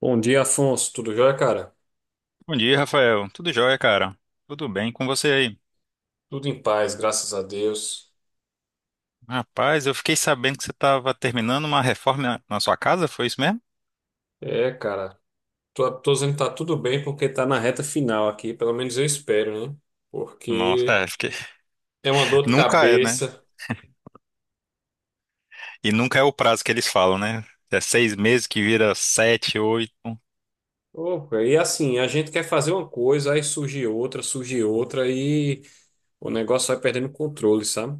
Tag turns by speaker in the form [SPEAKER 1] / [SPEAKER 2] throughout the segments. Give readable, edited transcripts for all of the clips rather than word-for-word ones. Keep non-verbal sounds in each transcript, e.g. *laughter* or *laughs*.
[SPEAKER 1] Bom dia, Afonso. Tudo jóia, cara?
[SPEAKER 2] Bom dia, Rafael. Tudo jóia, cara? Tudo bem com você aí?
[SPEAKER 1] Tudo em paz, graças a Deus.
[SPEAKER 2] Rapaz, eu fiquei sabendo que você estava terminando uma reforma na sua casa, foi isso mesmo?
[SPEAKER 1] É, cara, tô dizendo que tá tudo bem porque tá na reta final aqui, pelo menos eu espero, né?
[SPEAKER 2] Nossa,
[SPEAKER 1] Porque
[SPEAKER 2] é, fiquei.
[SPEAKER 1] é uma
[SPEAKER 2] *laughs*
[SPEAKER 1] dor de
[SPEAKER 2] Nunca é, né?
[SPEAKER 1] cabeça.
[SPEAKER 2] E nunca é o prazo que eles falam, né? É 6 meses que vira sete, oito.
[SPEAKER 1] Ô, cara, e assim, a gente quer fazer uma coisa, aí surge outra e o negócio vai perdendo controle, sabe?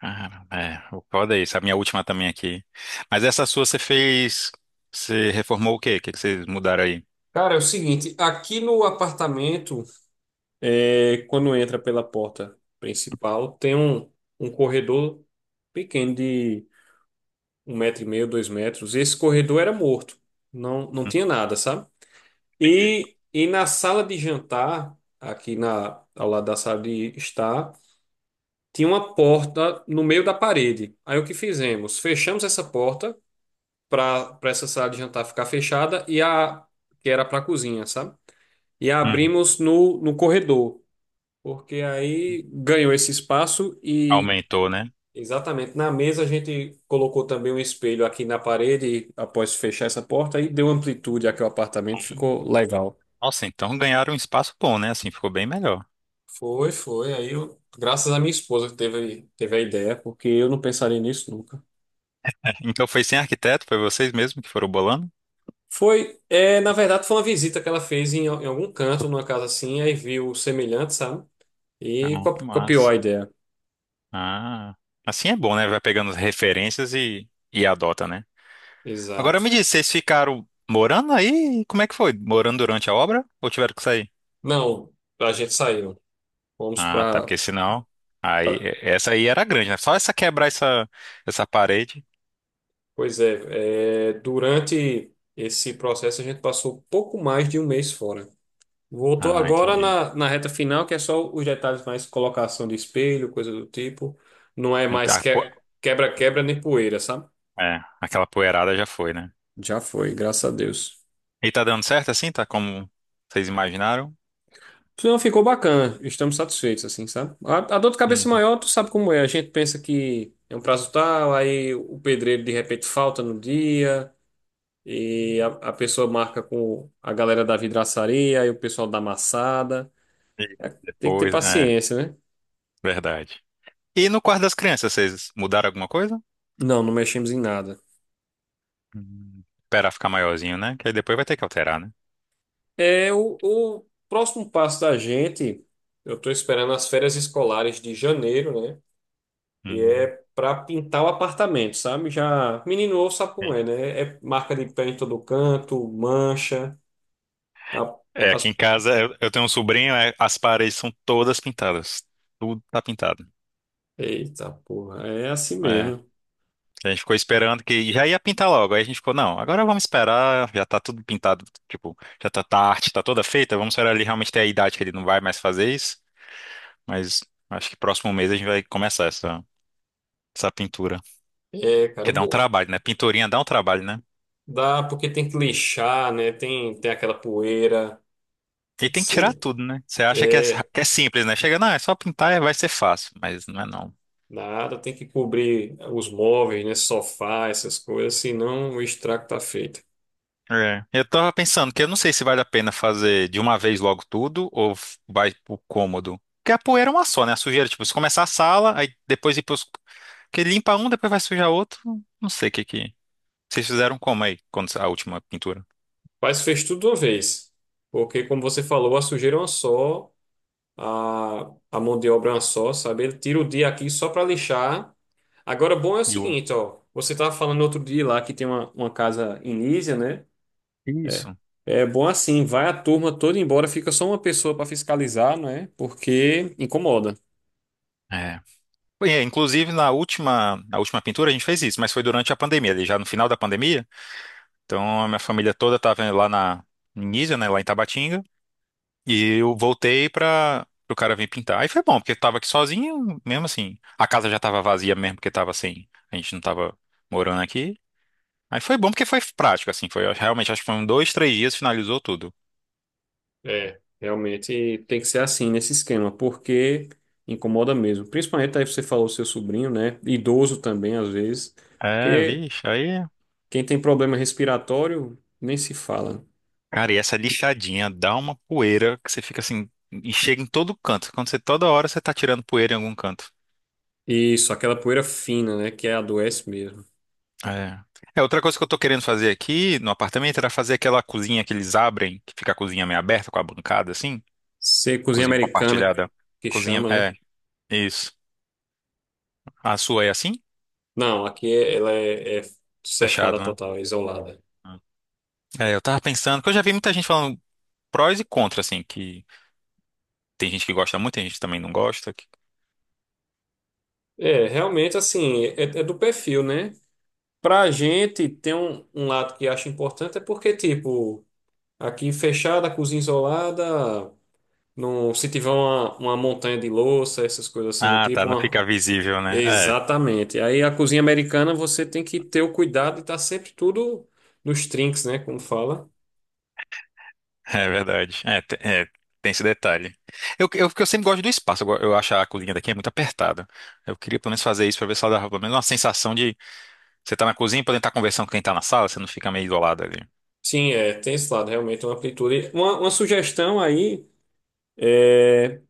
[SPEAKER 2] Cara, é, o foda é isso. A minha última também aqui. Mas essa sua você fez. Você reformou o quê? O que que vocês mudaram aí?
[SPEAKER 1] Cara, é o seguinte, aqui no apartamento, é, quando entra pela porta principal, tem um corredor pequeno, 1,5 metro, 2 metros. Esse corredor era morto, não tinha nada, sabe?
[SPEAKER 2] Entendi.
[SPEAKER 1] E na sala de jantar, aqui ao lado da sala de estar, tinha uma porta no meio da parede. Aí o que fizemos? Fechamos essa porta para essa sala de jantar ficar fechada e a que era para a cozinha, sabe? E a
[SPEAKER 2] Uhum.
[SPEAKER 1] abrimos no corredor, porque aí ganhou esse espaço. E
[SPEAKER 2] Aumentou, né?
[SPEAKER 1] exatamente, na mesa a gente colocou também um espelho aqui na parede e após fechar essa porta aí deu amplitude aqui ao apartamento,
[SPEAKER 2] Hum.
[SPEAKER 1] ficou legal.
[SPEAKER 2] Nossa, então ganharam um espaço bom, né? Assim, ficou bem melhor.
[SPEAKER 1] Foi, foi. Aí eu, graças à minha esposa que teve a ideia, porque eu não pensaria nisso nunca.
[SPEAKER 2] Então foi sem arquiteto, foi vocês mesmos que foram bolando?
[SPEAKER 1] Foi, é, na verdade foi uma visita que ela fez em algum canto, numa casa assim, aí viu o semelhante, sabe? E
[SPEAKER 2] Ah, que
[SPEAKER 1] copiou
[SPEAKER 2] massa.
[SPEAKER 1] a ideia.
[SPEAKER 2] Ah, assim é bom, né? Vai pegando as referências e, adota, né? Agora me
[SPEAKER 1] Exato.
[SPEAKER 2] diz, vocês ficaram morando aí? Como é que foi? Morando durante a obra ou tiveram que sair?
[SPEAKER 1] Não, a gente saiu. Fomos
[SPEAKER 2] Ah, tá,
[SPEAKER 1] para,
[SPEAKER 2] porque senão aí essa aí era grande, né? Só essa quebrar essa parede.
[SPEAKER 1] pois é, é, durante esse processo a gente passou pouco mais de um mês fora. Voltou
[SPEAKER 2] Ah,
[SPEAKER 1] agora
[SPEAKER 2] entendi.
[SPEAKER 1] na reta final, que é só os detalhes mais colocação de espelho, coisa do tipo. Não é
[SPEAKER 2] Não
[SPEAKER 1] mais
[SPEAKER 2] tá,
[SPEAKER 1] que- quebra-quebra nem poeira, sabe?
[SPEAKER 2] é, aquela poeirada já foi, né?
[SPEAKER 1] Já foi, graças a Deus.
[SPEAKER 2] E tá dando certo assim, tá como vocês imaginaram?
[SPEAKER 1] Não, ficou bacana, estamos satisfeitos, assim, sabe? A dor de cabeça é
[SPEAKER 2] Uhum.
[SPEAKER 1] maior, tu sabe como é. A gente pensa que é um prazo tal, aí o pedreiro de repente falta no dia. E a pessoa marca com a galera da vidraçaria e o pessoal da amassada.
[SPEAKER 2] E
[SPEAKER 1] Tem que ter
[SPEAKER 2] depois, é,
[SPEAKER 1] paciência, né?
[SPEAKER 2] verdade. E no quarto das crianças, vocês mudaram alguma coisa?
[SPEAKER 1] Não, não mexemos em nada.
[SPEAKER 2] Esperar ficar maiorzinho, né? Que aí depois vai ter que alterar, né?
[SPEAKER 1] É o próximo passo da gente. Eu estou esperando as férias escolares de janeiro, né? E é
[SPEAKER 2] Hum,
[SPEAKER 1] para pintar o apartamento, sabe? Já menino ou sabe como
[SPEAKER 2] entendi.
[SPEAKER 1] é, né? É marca de pé em todo canto, mancha. a-
[SPEAKER 2] É, aqui em
[SPEAKER 1] as...
[SPEAKER 2] casa eu tenho um sobrinho, as paredes são todas pintadas. Tudo tá pintado.
[SPEAKER 1] Eita porra, é assim
[SPEAKER 2] É,
[SPEAKER 1] mesmo.
[SPEAKER 2] a gente ficou esperando que já ia pintar logo. Aí a gente ficou, não, agora vamos esperar, já tá tudo pintado, tipo, já tá a arte, tá toda feita, vamos esperar ele realmente ter a idade que ele não vai mais fazer isso. Mas acho que próximo mês a gente vai começar essa pintura.
[SPEAKER 1] É, cara,
[SPEAKER 2] Que dá um trabalho, né? Pinturinha dá um trabalho, né?
[SPEAKER 1] dá porque tem que lixar, né? Tem aquela poeira.
[SPEAKER 2] E tem que tirar
[SPEAKER 1] Você,
[SPEAKER 2] tudo, né? Você acha
[SPEAKER 1] é,
[SPEAKER 2] que é simples, né? Chega, não, é só pintar e vai ser fácil, mas não é não.
[SPEAKER 1] nada, tem que cobrir os móveis, né? Sofá, essas coisas, senão o estrago tá feito.
[SPEAKER 2] É. Eu tava pensando que eu não sei se vale a pena fazer de uma vez logo tudo ou vai pro cômodo. Porque a poeira é uma só, né? A sujeira, tipo, se começar a sala, aí depois ir pros. Porque limpa um, depois vai sujar outro. Não sei o que que. Vocês fizeram como aí, quando a última pintura?
[SPEAKER 1] Mas fez tudo de uma vez, porque, como você falou, a sujeira é uma só, a mão de obra é uma só, sabe? Ele tira o dia aqui só para lixar. Agora, bom é o
[SPEAKER 2] E o-
[SPEAKER 1] seguinte, ó. Você tava falando outro dia lá que tem uma casa em Nísia, né? É.
[SPEAKER 2] Isso.
[SPEAKER 1] É bom assim, vai a turma toda embora, fica só uma pessoa para fiscalizar, não é? Porque incomoda.
[SPEAKER 2] É. Bem, inclusive, na última pintura a gente fez isso, mas foi durante a pandemia, ali já no final da pandemia. Então a minha família toda estava lá na em Nísia, né, lá em Tabatinga, e eu voltei para o cara vir pintar. Aí foi bom, porque eu tava aqui sozinho, mesmo assim. A casa já tava vazia mesmo, porque tava assim, a gente não tava morando aqui. Aí foi bom porque foi prático, assim, foi eu realmente, acho que foram 2, 3 dias, finalizou tudo.
[SPEAKER 1] É, realmente tem que ser assim nesse esquema, porque incomoda mesmo. Principalmente aí você falou seu sobrinho, né? Idoso também, às vezes,
[SPEAKER 2] É,
[SPEAKER 1] porque
[SPEAKER 2] vixe, aí.
[SPEAKER 1] quem tem problema respiratório nem se fala.
[SPEAKER 2] Cara, e essa lixadinha dá uma poeira que você fica assim, e chega em todo canto. Quando você toda hora você tá tirando poeira em algum canto.
[SPEAKER 1] Isso, aquela poeira fina, né? Que é adoece mesmo.
[SPEAKER 2] É. É, outra coisa que eu tô querendo fazer aqui no apartamento era fazer aquela cozinha que eles abrem, que fica a cozinha meio aberta com a bancada assim,
[SPEAKER 1] Você, cozinha
[SPEAKER 2] cozinha
[SPEAKER 1] americana,
[SPEAKER 2] compartilhada.
[SPEAKER 1] que
[SPEAKER 2] Cozinha,
[SPEAKER 1] chama, né?
[SPEAKER 2] é, isso. A sua é assim?
[SPEAKER 1] Não, aqui é, ela é, é cercada
[SPEAKER 2] Fechado, né?
[SPEAKER 1] total, é isolada.
[SPEAKER 2] É, eu tava pensando, que eu já vi muita gente falando prós e contra assim, que tem gente que gosta muito, tem gente que também não gosta.
[SPEAKER 1] É, realmente, assim, é, é do perfil, né? Pra gente, tem um lado que acho importante, é porque, tipo, aqui fechada, cozinha isolada, no, se tiver uma montanha de louça, essas coisas assim do
[SPEAKER 2] Ah, tá,
[SPEAKER 1] tipo,
[SPEAKER 2] não
[SPEAKER 1] uma.
[SPEAKER 2] fica visível, né? É,
[SPEAKER 1] Exatamente. Aí a cozinha americana você tem que ter o cuidado de estar sempre tudo nos trinques, né? Como fala.
[SPEAKER 2] *laughs* é verdade. É, tem esse detalhe. Porque eu sempre gosto do espaço, eu acho a cozinha daqui é muito apertada. Eu queria pelo menos fazer isso pra ver se ela dava pelo menos uma sensação. Você tá na cozinha podendo estar conversando com quem tá na sala, você não fica meio isolado ali.
[SPEAKER 1] Sim, é, tem esse lado, realmente uma amplitude. Uma sugestão aí é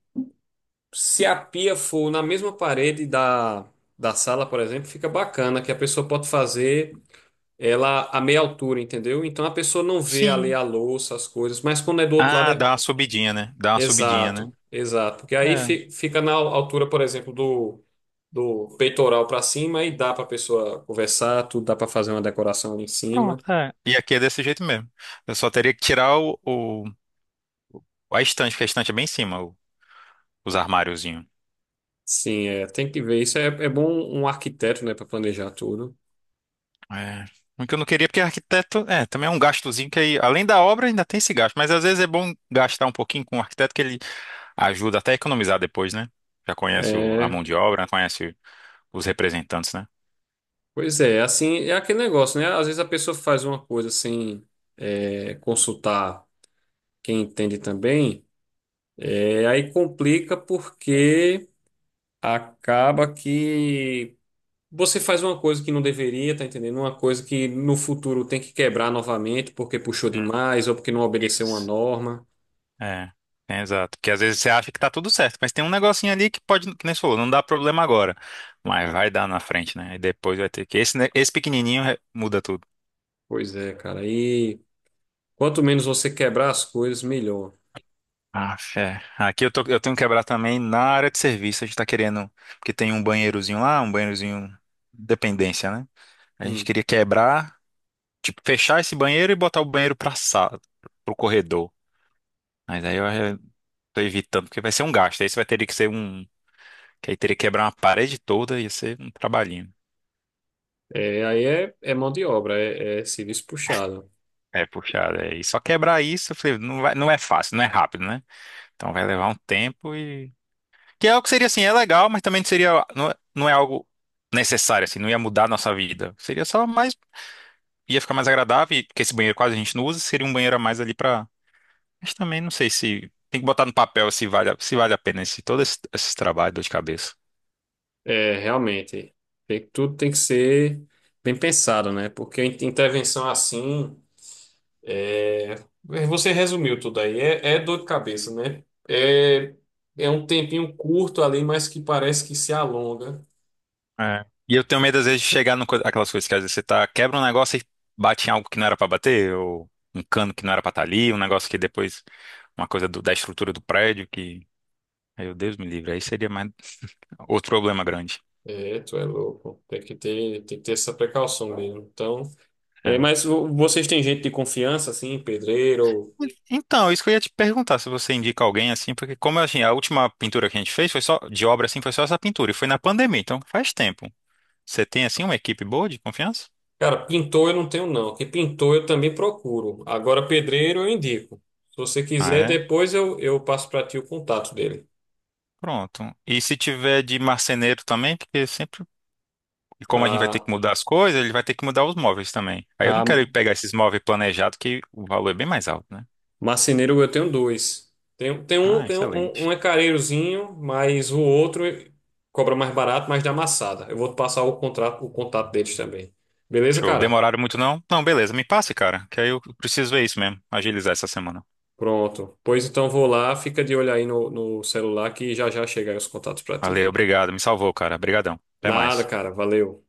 [SPEAKER 1] se a pia for na mesma parede da sala, por exemplo, fica bacana, que a pessoa pode fazer ela a meia altura, entendeu? Então a pessoa não vê ali
[SPEAKER 2] Sim.
[SPEAKER 1] a louça, as coisas, mas quando é do outro lado
[SPEAKER 2] Ah,
[SPEAKER 1] é
[SPEAKER 2] dá uma subidinha, né? Dá uma subidinha, né?
[SPEAKER 1] exato, exato. Porque aí
[SPEAKER 2] É.
[SPEAKER 1] fica na altura, por exemplo, do peitoral para cima e dá para a pessoa conversar, tudo dá para fazer uma decoração ali em
[SPEAKER 2] Pronto,
[SPEAKER 1] cima.
[SPEAKER 2] é. E aqui é desse jeito mesmo. Eu só teria que tirar a estante, porque a estante é bem em cima, os armáriozinhos.
[SPEAKER 1] Sim, é, tem que ver. Isso é, é bom um arquiteto, né, para planejar tudo.
[SPEAKER 2] É. O que eu não queria, porque arquiteto, também é um gastozinho que aí, além da obra, ainda tem esse gasto. Mas às vezes é bom gastar um pouquinho com o arquiteto, que ele ajuda até a economizar depois, né? Já conhece a
[SPEAKER 1] É,
[SPEAKER 2] mão de obra, conhece os representantes, né?
[SPEAKER 1] pois é, assim, é aquele negócio, né? Às vezes a pessoa faz uma coisa sem, é, consultar quem entende também, é, aí complica porque acaba que você faz uma coisa que não deveria, tá entendendo? Uma coisa que no futuro tem que quebrar novamente porque puxou
[SPEAKER 2] Hum,
[SPEAKER 1] demais ou porque não obedeceu uma
[SPEAKER 2] isso.
[SPEAKER 1] norma.
[SPEAKER 2] É, é exato. Porque às vezes você acha que tá tudo certo, mas tem um negocinho ali que pode, que nem você falou, não dá problema agora, mas vai dar na frente, né? E depois vai ter que. Esse pequenininho muda tudo.
[SPEAKER 1] Pois é, cara. E quanto menos você quebrar as coisas, melhor.
[SPEAKER 2] Ah, fé. Aqui eu tenho que quebrar também na área de serviço. A gente tá querendo, porque tem um banheirozinho lá, um banheirozinho dependência, né? A gente
[SPEAKER 1] Hum.
[SPEAKER 2] queria quebrar, tipo, fechar esse banheiro e botar o banheiro pra sala, pro corredor. Mas aí eu tô evitando, porque vai ser um gasto. Aí você vai ter que ser um. Que aí teria que quebrar uma parede toda e ia ser um trabalhinho.
[SPEAKER 1] É, aí é, é mão de obra, é, é serviço puxado.
[SPEAKER 2] É, puxado. É. E só quebrar isso, eu falei, não vai, não é fácil, não é rápido, né? Então vai levar um tempo e que é algo que seria assim, é legal, mas também seria, não, não é algo necessário, assim, não ia mudar a nossa vida. Seria só mais, ia ficar mais agradável, porque esse banheiro quase a gente não usa, seria um banheiro a mais ali pra. Mas também não sei se. Tem que botar no papel se vale, se vale a pena esse, todo esse trabalho, dor de cabeça.
[SPEAKER 1] É, realmente. Tudo tem que ser bem pensado, né? Porque intervenção assim. É, você resumiu tudo aí. É, é dor de cabeça, né? É, é um tempinho curto ali, mas que parece que se alonga.
[SPEAKER 2] É. E eu tenho medo, às vezes, de chegar no co- aquelas coisas que às vezes você tá, quebra um negócio e bate em algo que não era pra bater, ou um cano que não era pra estar ali, um negócio que depois, uma coisa da estrutura do prédio que. Meu Deus me livre, aí seria mais outro problema grande.
[SPEAKER 1] É, tu é louco. Tem que ter essa precaução mesmo. Então, é,
[SPEAKER 2] É.
[SPEAKER 1] mas vocês têm gente de confiança, assim, pedreiro?
[SPEAKER 2] Então, isso que eu ia te perguntar, se você indica alguém assim, porque como assim, a última pintura que a gente fez foi só de obra assim, foi só essa pintura e foi na pandemia, então faz tempo. Você tem assim uma equipe boa de confiança?
[SPEAKER 1] Cara, pintor eu não tenho não, que pintor eu também procuro. Agora pedreiro eu indico. Se você
[SPEAKER 2] Ah,
[SPEAKER 1] quiser,
[SPEAKER 2] é?
[SPEAKER 1] depois eu passo para ti o contato dele.
[SPEAKER 2] Pronto. E se tiver de marceneiro também, porque sempre, e como a gente vai ter
[SPEAKER 1] A,
[SPEAKER 2] que mudar as coisas, ele vai ter que mudar os móveis também. Aí eu não
[SPEAKER 1] a
[SPEAKER 2] quero ir pegar esses móveis planejados que o valor é bem mais alto, né?
[SPEAKER 1] marceneiro eu tenho dois. Tem, tem um,
[SPEAKER 2] Ah,
[SPEAKER 1] tem um, um um
[SPEAKER 2] excelente.
[SPEAKER 1] é careirozinho, mas o outro cobra mais barato, mas dá amassada. Eu vou te passar o contrato, o contato deles também. Beleza,
[SPEAKER 2] Show.
[SPEAKER 1] cara?
[SPEAKER 2] Demoraram muito não? Não, beleza, me passe, cara, que aí eu preciso ver isso mesmo, agilizar essa semana.
[SPEAKER 1] Pronto. Pois então vou lá, fica de olho aí no celular que já já chega aí os contatos para ti.
[SPEAKER 2] Valeu, obrigado, me salvou, cara. Obrigadão. Até
[SPEAKER 1] Nada,
[SPEAKER 2] mais.
[SPEAKER 1] cara, valeu.